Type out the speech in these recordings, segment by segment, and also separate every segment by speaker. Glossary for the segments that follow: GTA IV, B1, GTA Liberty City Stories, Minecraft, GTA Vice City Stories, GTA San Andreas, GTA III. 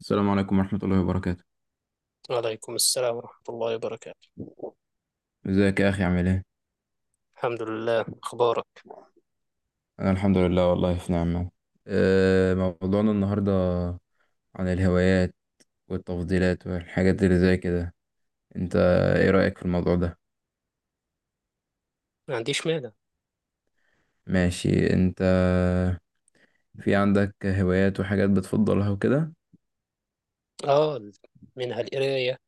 Speaker 1: السلام عليكم ورحمة الله وبركاته.
Speaker 2: وعليكم السلام ورحمة الله وبركاته.
Speaker 1: ازيك يا أخي عامل ايه؟
Speaker 2: الحمد لله، أخبارك؟
Speaker 1: أنا الحمد لله والله في نعمة. موضوعنا النهاردة عن الهوايات والتفضيلات والحاجات اللي زي كده. انت ايه رأيك في الموضوع ده؟
Speaker 2: ما عنديش مانع.
Speaker 1: ماشي، انت في عندك هوايات وحاجات بتفضلها وكده؟
Speaker 2: آه، منها القراية.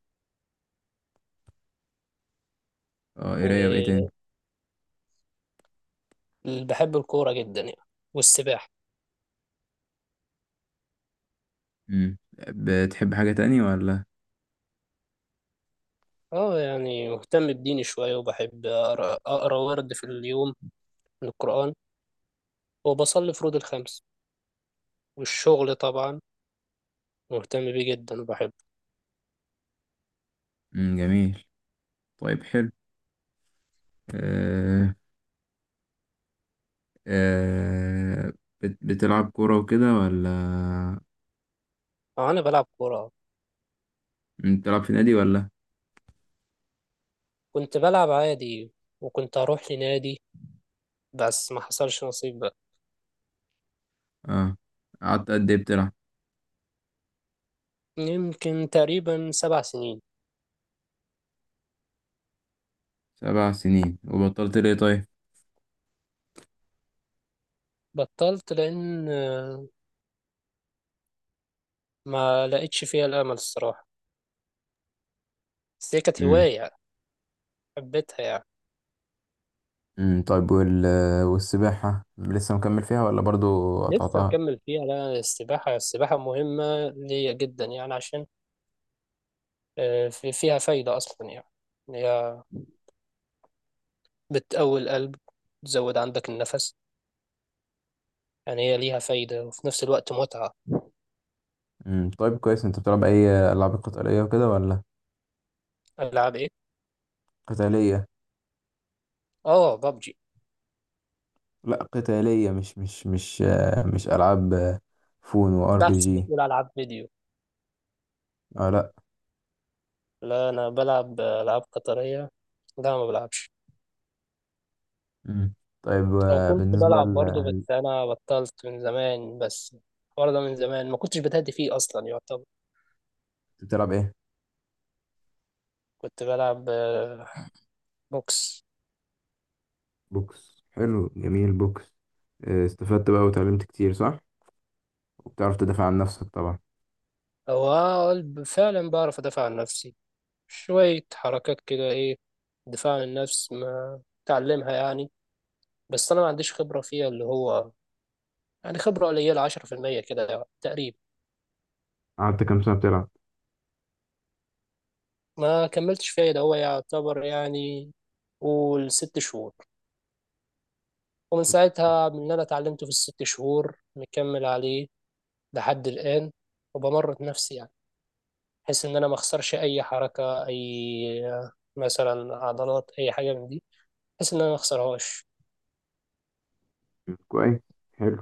Speaker 1: اه، قراية وايه تاني؟
Speaker 2: وبحب الكورة جدا يعني، والسباحة.
Speaker 1: مم. بتحب حاجة تاني ولا؟
Speaker 2: آه، يعني مهتم بديني شوية وبحب أقرأ ورد في اليوم من القرآن. وبصلي فروض الخمس والشغل طبعا مهتم بيه جدا وبحبه.
Speaker 1: مم، جميل، طيب، حلو، أه، أه. بتلعب كورة وكده ولا؟
Speaker 2: آه، أنا بلعب كورة.
Speaker 1: بتلعب في نادي ولا؟
Speaker 2: كنت بلعب عادي وكنت أروح لنادي، بس ما حصلش نصيب بقى.
Speaker 1: اه، قعدت قد ايه بتلعب؟
Speaker 2: يمكن تقريبا 7 سنين.
Speaker 1: 7 سنين، وبطلت ليه طيب؟
Speaker 2: بطلت لأن ما لقيتش فيها الامل الصراحه، بس هي كانت
Speaker 1: امم
Speaker 2: هوايه حبيتها يعني.
Speaker 1: طيب، والسباحة لسه مكمل فيها ولا برضو
Speaker 2: لسه
Speaker 1: قطعتها؟
Speaker 2: مكمل فيها، لا، السباحه السباحه مهمه ليا جدا يعني، عشان فيها فايده اصلا يعني. هي بتقوي القلب، تزود عندك النفس، يعني هي ليها فايده وفي نفس الوقت متعه.
Speaker 1: طيب، كويس. انت بتلعب اي العاب قتالية وكده ولا؟
Speaker 2: العاب ايه؟
Speaker 1: قتالية.
Speaker 2: اه، ببجي.
Speaker 1: لا، قتالية مش مش العاب، فون وار بي
Speaker 2: بس
Speaker 1: جي.
Speaker 2: بتقول العاب فيديو؟
Speaker 1: اه، لا.
Speaker 2: لا، انا بلعب العاب قطريه، لا ما بلعبش.
Speaker 1: مم. طيب،
Speaker 2: او كنت بلعب برضه، بس انا بطلت من زمان، بس برضه من زمان ما كنتش بتهدي فيه اصلا يعتبر.
Speaker 1: بتلعب ايه؟
Speaker 2: كنت بلعب بوكس.
Speaker 1: بوكس، حلو، جميل، بوكس. استفدت بقى وتعلمت كتير، صح. وبتعرف تدافع عن نفسك طبعا.
Speaker 2: أو أقول فعلا بعرف أدافع عن نفسي، شوية حركات كده إيه، دفاع عن النفس ما تعلمها يعني. بس أنا ما عنديش خبرة فيها اللي هو، يعني خبرة قليلة، 10% كده يعني تقريبا.
Speaker 1: قعدت كام سنة بتلعب؟
Speaker 2: ما كملتش فيها ده هو يعتبر يعني، قول 6 شهور. ومن ساعتها، من اللي أنا اتعلمته في الست شهور مكمل عليه لحد الآن. وبمرن نفسي يعني بحيث ان انا ما اخسرش اي حركه، اي مثلا عضلات، اي حاجه من دي، بحيث ان انا ما اخسرهاش.
Speaker 1: كويس، حلو.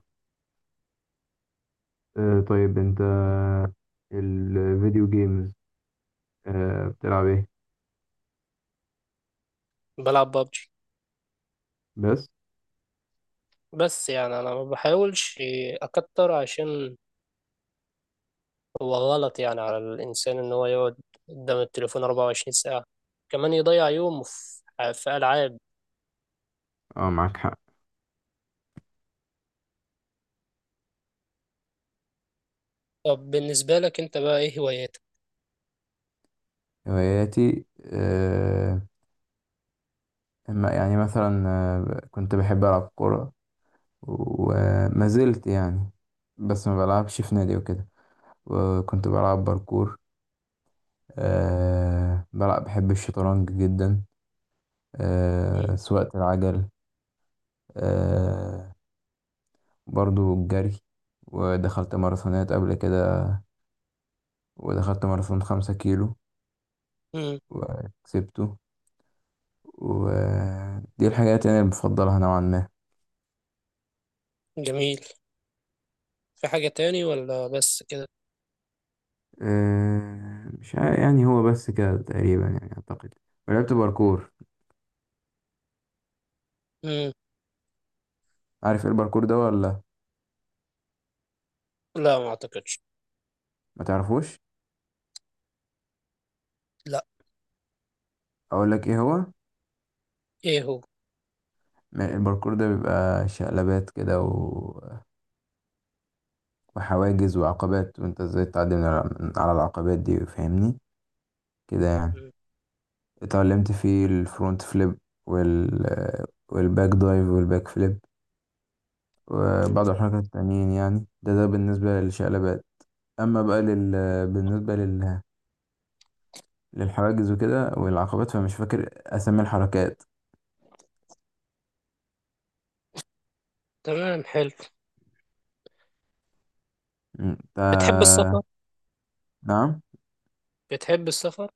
Speaker 1: طيب، انت الفيديو جيمز، بتلعب ايه؟
Speaker 2: بلعب ببجي.
Speaker 1: بس؟
Speaker 2: بس يعني انا ما بحاولش اكتر، عشان هو غلط يعني على الانسان ان هو يقعد قدام التليفون 24 ساعه، كمان يضيع يومه في العاب.
Speaker 1: اه، معاك حق.
Speaker 2: طب بالنسبه لك انت بقى ايه هواياتك؟
Speaker 1: هواياتي، يعني مثلا كنت بحب العب كوره، وما زلت يعني، بس ما بلعبش في نادي وكده. وكنت بلعب باركور. آه بلعب بحب الشطرنج جدا.
Speaker 2: مم.
Speaker 1: سواقة العجل. آه برضو الجري، ودخلت ماراثونات قبل كده، ودخلت ماراثون 5 كيلو
Speaker 2: مم.
Speaker 1: وكسبته. ودي الحاجات يعني اللي بفضلها نوعا ما.
Speaker 2: جميل. في حاجه تاني ولا بس كده؟
Speaker 1: مش عارف، يعني هو بس كده تقريبا يعني، أعتقد. ولعبت باركور.
Speaker 2: مم.
Speaker 1: عارف ايه الباركور ده ولا؟
Speaker 2: لا، ما اعتقدش.
Speaker 1: ما تعرفوش.
Speaker 2: لا.
Speaker 1: اقول لك ايه هو.
Speaker 2: ايه هو؟
Speaker 1: الباركور ده بيبقى شقلبات كده، وحواجز وعقبات، وانت ازاي تعدي من من على العقبات دي، فاهمني؟ كده يعني.
Speaker 2: مم.
Speaker 1: اتعلمت فيه الفرونت فليب، وال والباك دايف والباك فليب،
Speaker 2: مم.
Speaker 1: وبعض الحركات التانيين، يعني ده ده بالنسبة للشقلبات. أما بقى لل... بالنسبة لل... للحواجز وكده والعقبات، فمش فاكر أسامي الحركات.
Speaker 2: تمام، حلو.
Speaker 1: انت.
Speaker 2: بتحب السفر؟
Speaker 1: نعم.
Speaker 2: بتحب السفر؟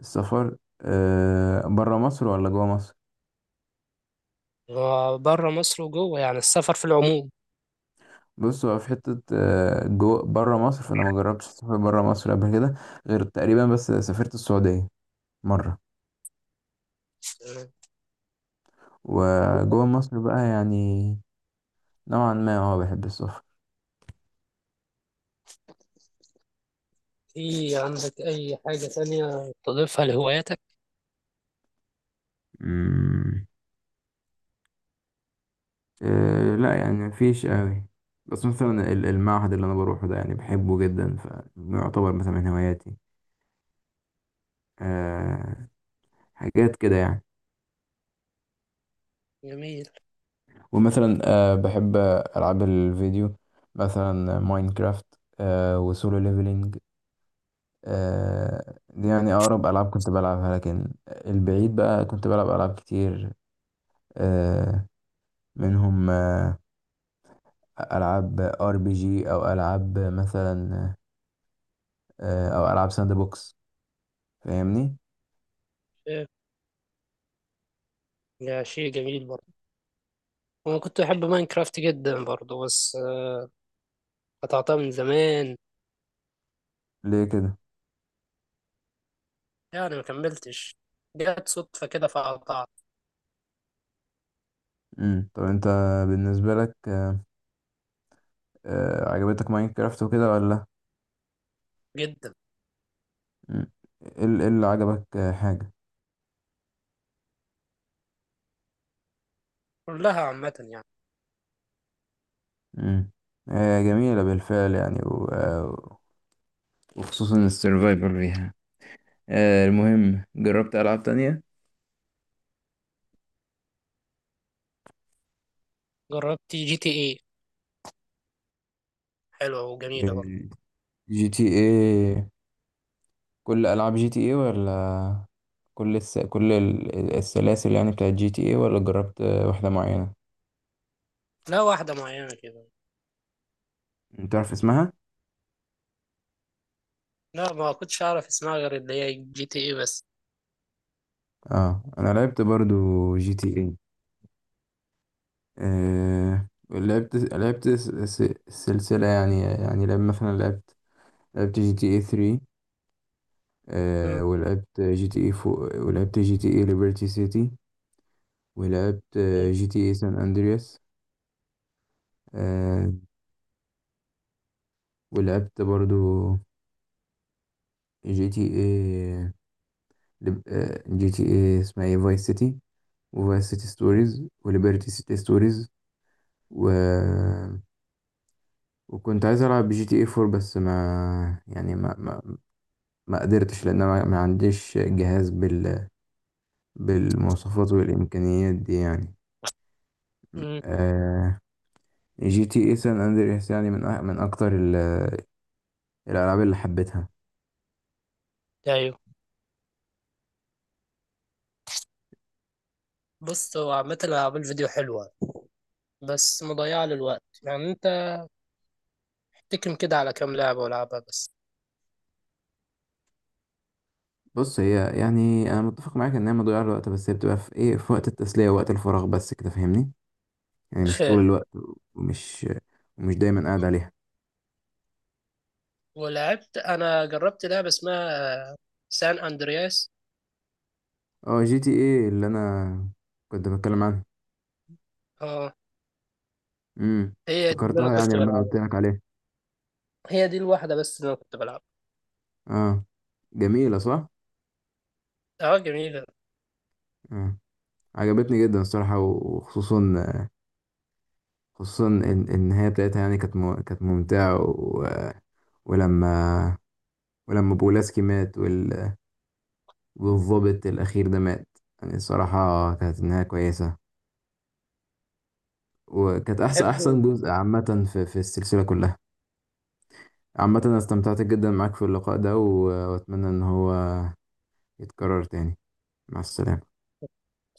Speaker 1: السفر، برا مصر ولا جوا مصر؟
Speaker 2: بره مصر وجوه، يعني السفر في العموم.
Speaker 1: بص، هو في حتة، جوا برا مصر، فأنا ما جربتش السفر برا مصر قبل كده غير تقريبا، بس سافرت السعودية مرة.
Speaker 2: تمام.
Speaker 1: وجوا مصر بقى يعني، نوعا ما بحب السفر.
Speaker 2: في عندك أي حاجة تانية تضيفها لهواياتك؟
Speaker 1: مم. لا يعني، مفيش قوي. بس مثلا المعهد اللي انا بروحه ده يعني بحبه جدا، فيعتبر مثلا من هواياتي. أه حاجات كده يعني.
Speaker 2: جميل.
Speaker 1: ومثلا بحب العاب الفيديو، مثلا ماينكرافت، وسولو ليفلينج. دي يعني اقرب العاب كنت بلعبها، لكن البعيد بقى كنت بلعب العاب كتير، أه منهم العاب ار بي جي، او العاب مثلا، او العاب ساند بوكس، فاهمني؟
Speaker 2: إيه، ده شيء جميل برضه. أنا كنت بحب ماينكرافت جدا برضه، بس قطعتها من زمان.
Speaker 1: ليه كده؟
Speaker 2: يعني ما كملتش، جت صدفة كده فقطعت.
Speaker 1: طب انت، بالنسبة لك عجبتك ماينكرافت وكده ولا؟
Speaker 2: جدا.
Speaker 1: مم. إيه اللي عجبك، حاجة؟
Speaker 2: كلها عامة يعني.
Speaker 1: امم جميلة بالفعل يعني، و... آه، وخصوصا السيرفايفل فيها. المهم جربت ألعاب تانية.
Speaker 2: جربت جي تي ايه، حلوة وجميلة برضه.
Speaker 1: جي تي ايه. كل ألعاب جي تي ايه، ولا كل الس... كل ال- السلاسل يعني بتاعت جي تي ايه، ولا جربت واحدة معينة؟
Speaker 2: لا، واحدة معينة كده.
Speaker 1: انت عارف اسمها؟
Speaker 2: لا، ما كنتش أعرف اسمها غير اللي هي جي تي ايه بس.
Speaker 1: اه انا لعبت برضو جي تي ايه. آه لعبت لعبت الس- الس- السلسلة، يعني مثلا لعبت، لعبت جي تي اي 3.
Speaker 2: مم.
Speaker 1: ولعبت جي تي اي 4، ولعبت جي تي اي ليبرتي سيتي، ولعبت جي تي اي سان اندرياس. آه ولعبت برضو جي تي اي، اسمها ايه، فايس سيتي، وفايس سيتي ستوريز، وليبرتي سيتي ستوريز. و وكنت عايز العب جي تي اي 4، بس ما ما قدرتش، لان أنا ما عنديش جهاز بالمواصفات والامكانيات دي يعني.
Speaker 2: مم.
Speaker 1: آه... جي تي اي سان اندريس يعني من اكتر الالعاب اللي حبيتها.
Speaker 2: أيوة. بص، هو عامة الألعاب الفيديو حلوة بس مضيعة للوقت، يعني أنت تكم كده على كام لعبة ولعبها بس.
Speaker 1: بص، هي يعني انا متفق معاك ان هي مضيعه للوقت، بس هي بتبقى في ايه، في وقت التسليه ووقت الفراغ، بس كده، فاهمني؟ يعني مش طول
Speaker 2: فاهم.
Speaker 1: الوقت، ومش ومش دايما قاعد عليها.
Speaker 2: ولعبت، أنا جربت لعبة اسمها سان أندرياس.
Speaker 1: اه، جي تي ايه اللي انا كنت بتكلم عنها.
Speaker 2: اه. هي دي اللي أنا
Speaker 1: افتكرتها يعني
Speaker 2: كنت
Speaker 1: لما انا
Speaker 2: بلعبها،
Speaker 1: قلت لك عليها.
Speaker 2: هي دي الواحدة بس اللي أنا كنت بلعبها.
Speaker 1: اه، جميله صح.
Speaker 2: اه، جميلة.
Speaker 1: آه. عجبتني جدا الصراحة، وخصوصا النهاية بتاعتها يعني كانت، كانت ممتعة، و... ولما ولما بولاسكي مات، والضابط الأخير ده مات، يعني الصراحة كانت النهاية كويسة. وكانت أحسن
Speaker 2: تحب
Speaker 1: أحسن جزء عامة في السلسلة كلها. عامة أنا استمتعت جدا معاك في اللقاء ده، وأتمنى إن هو يتكرر تاني. مع السلامة.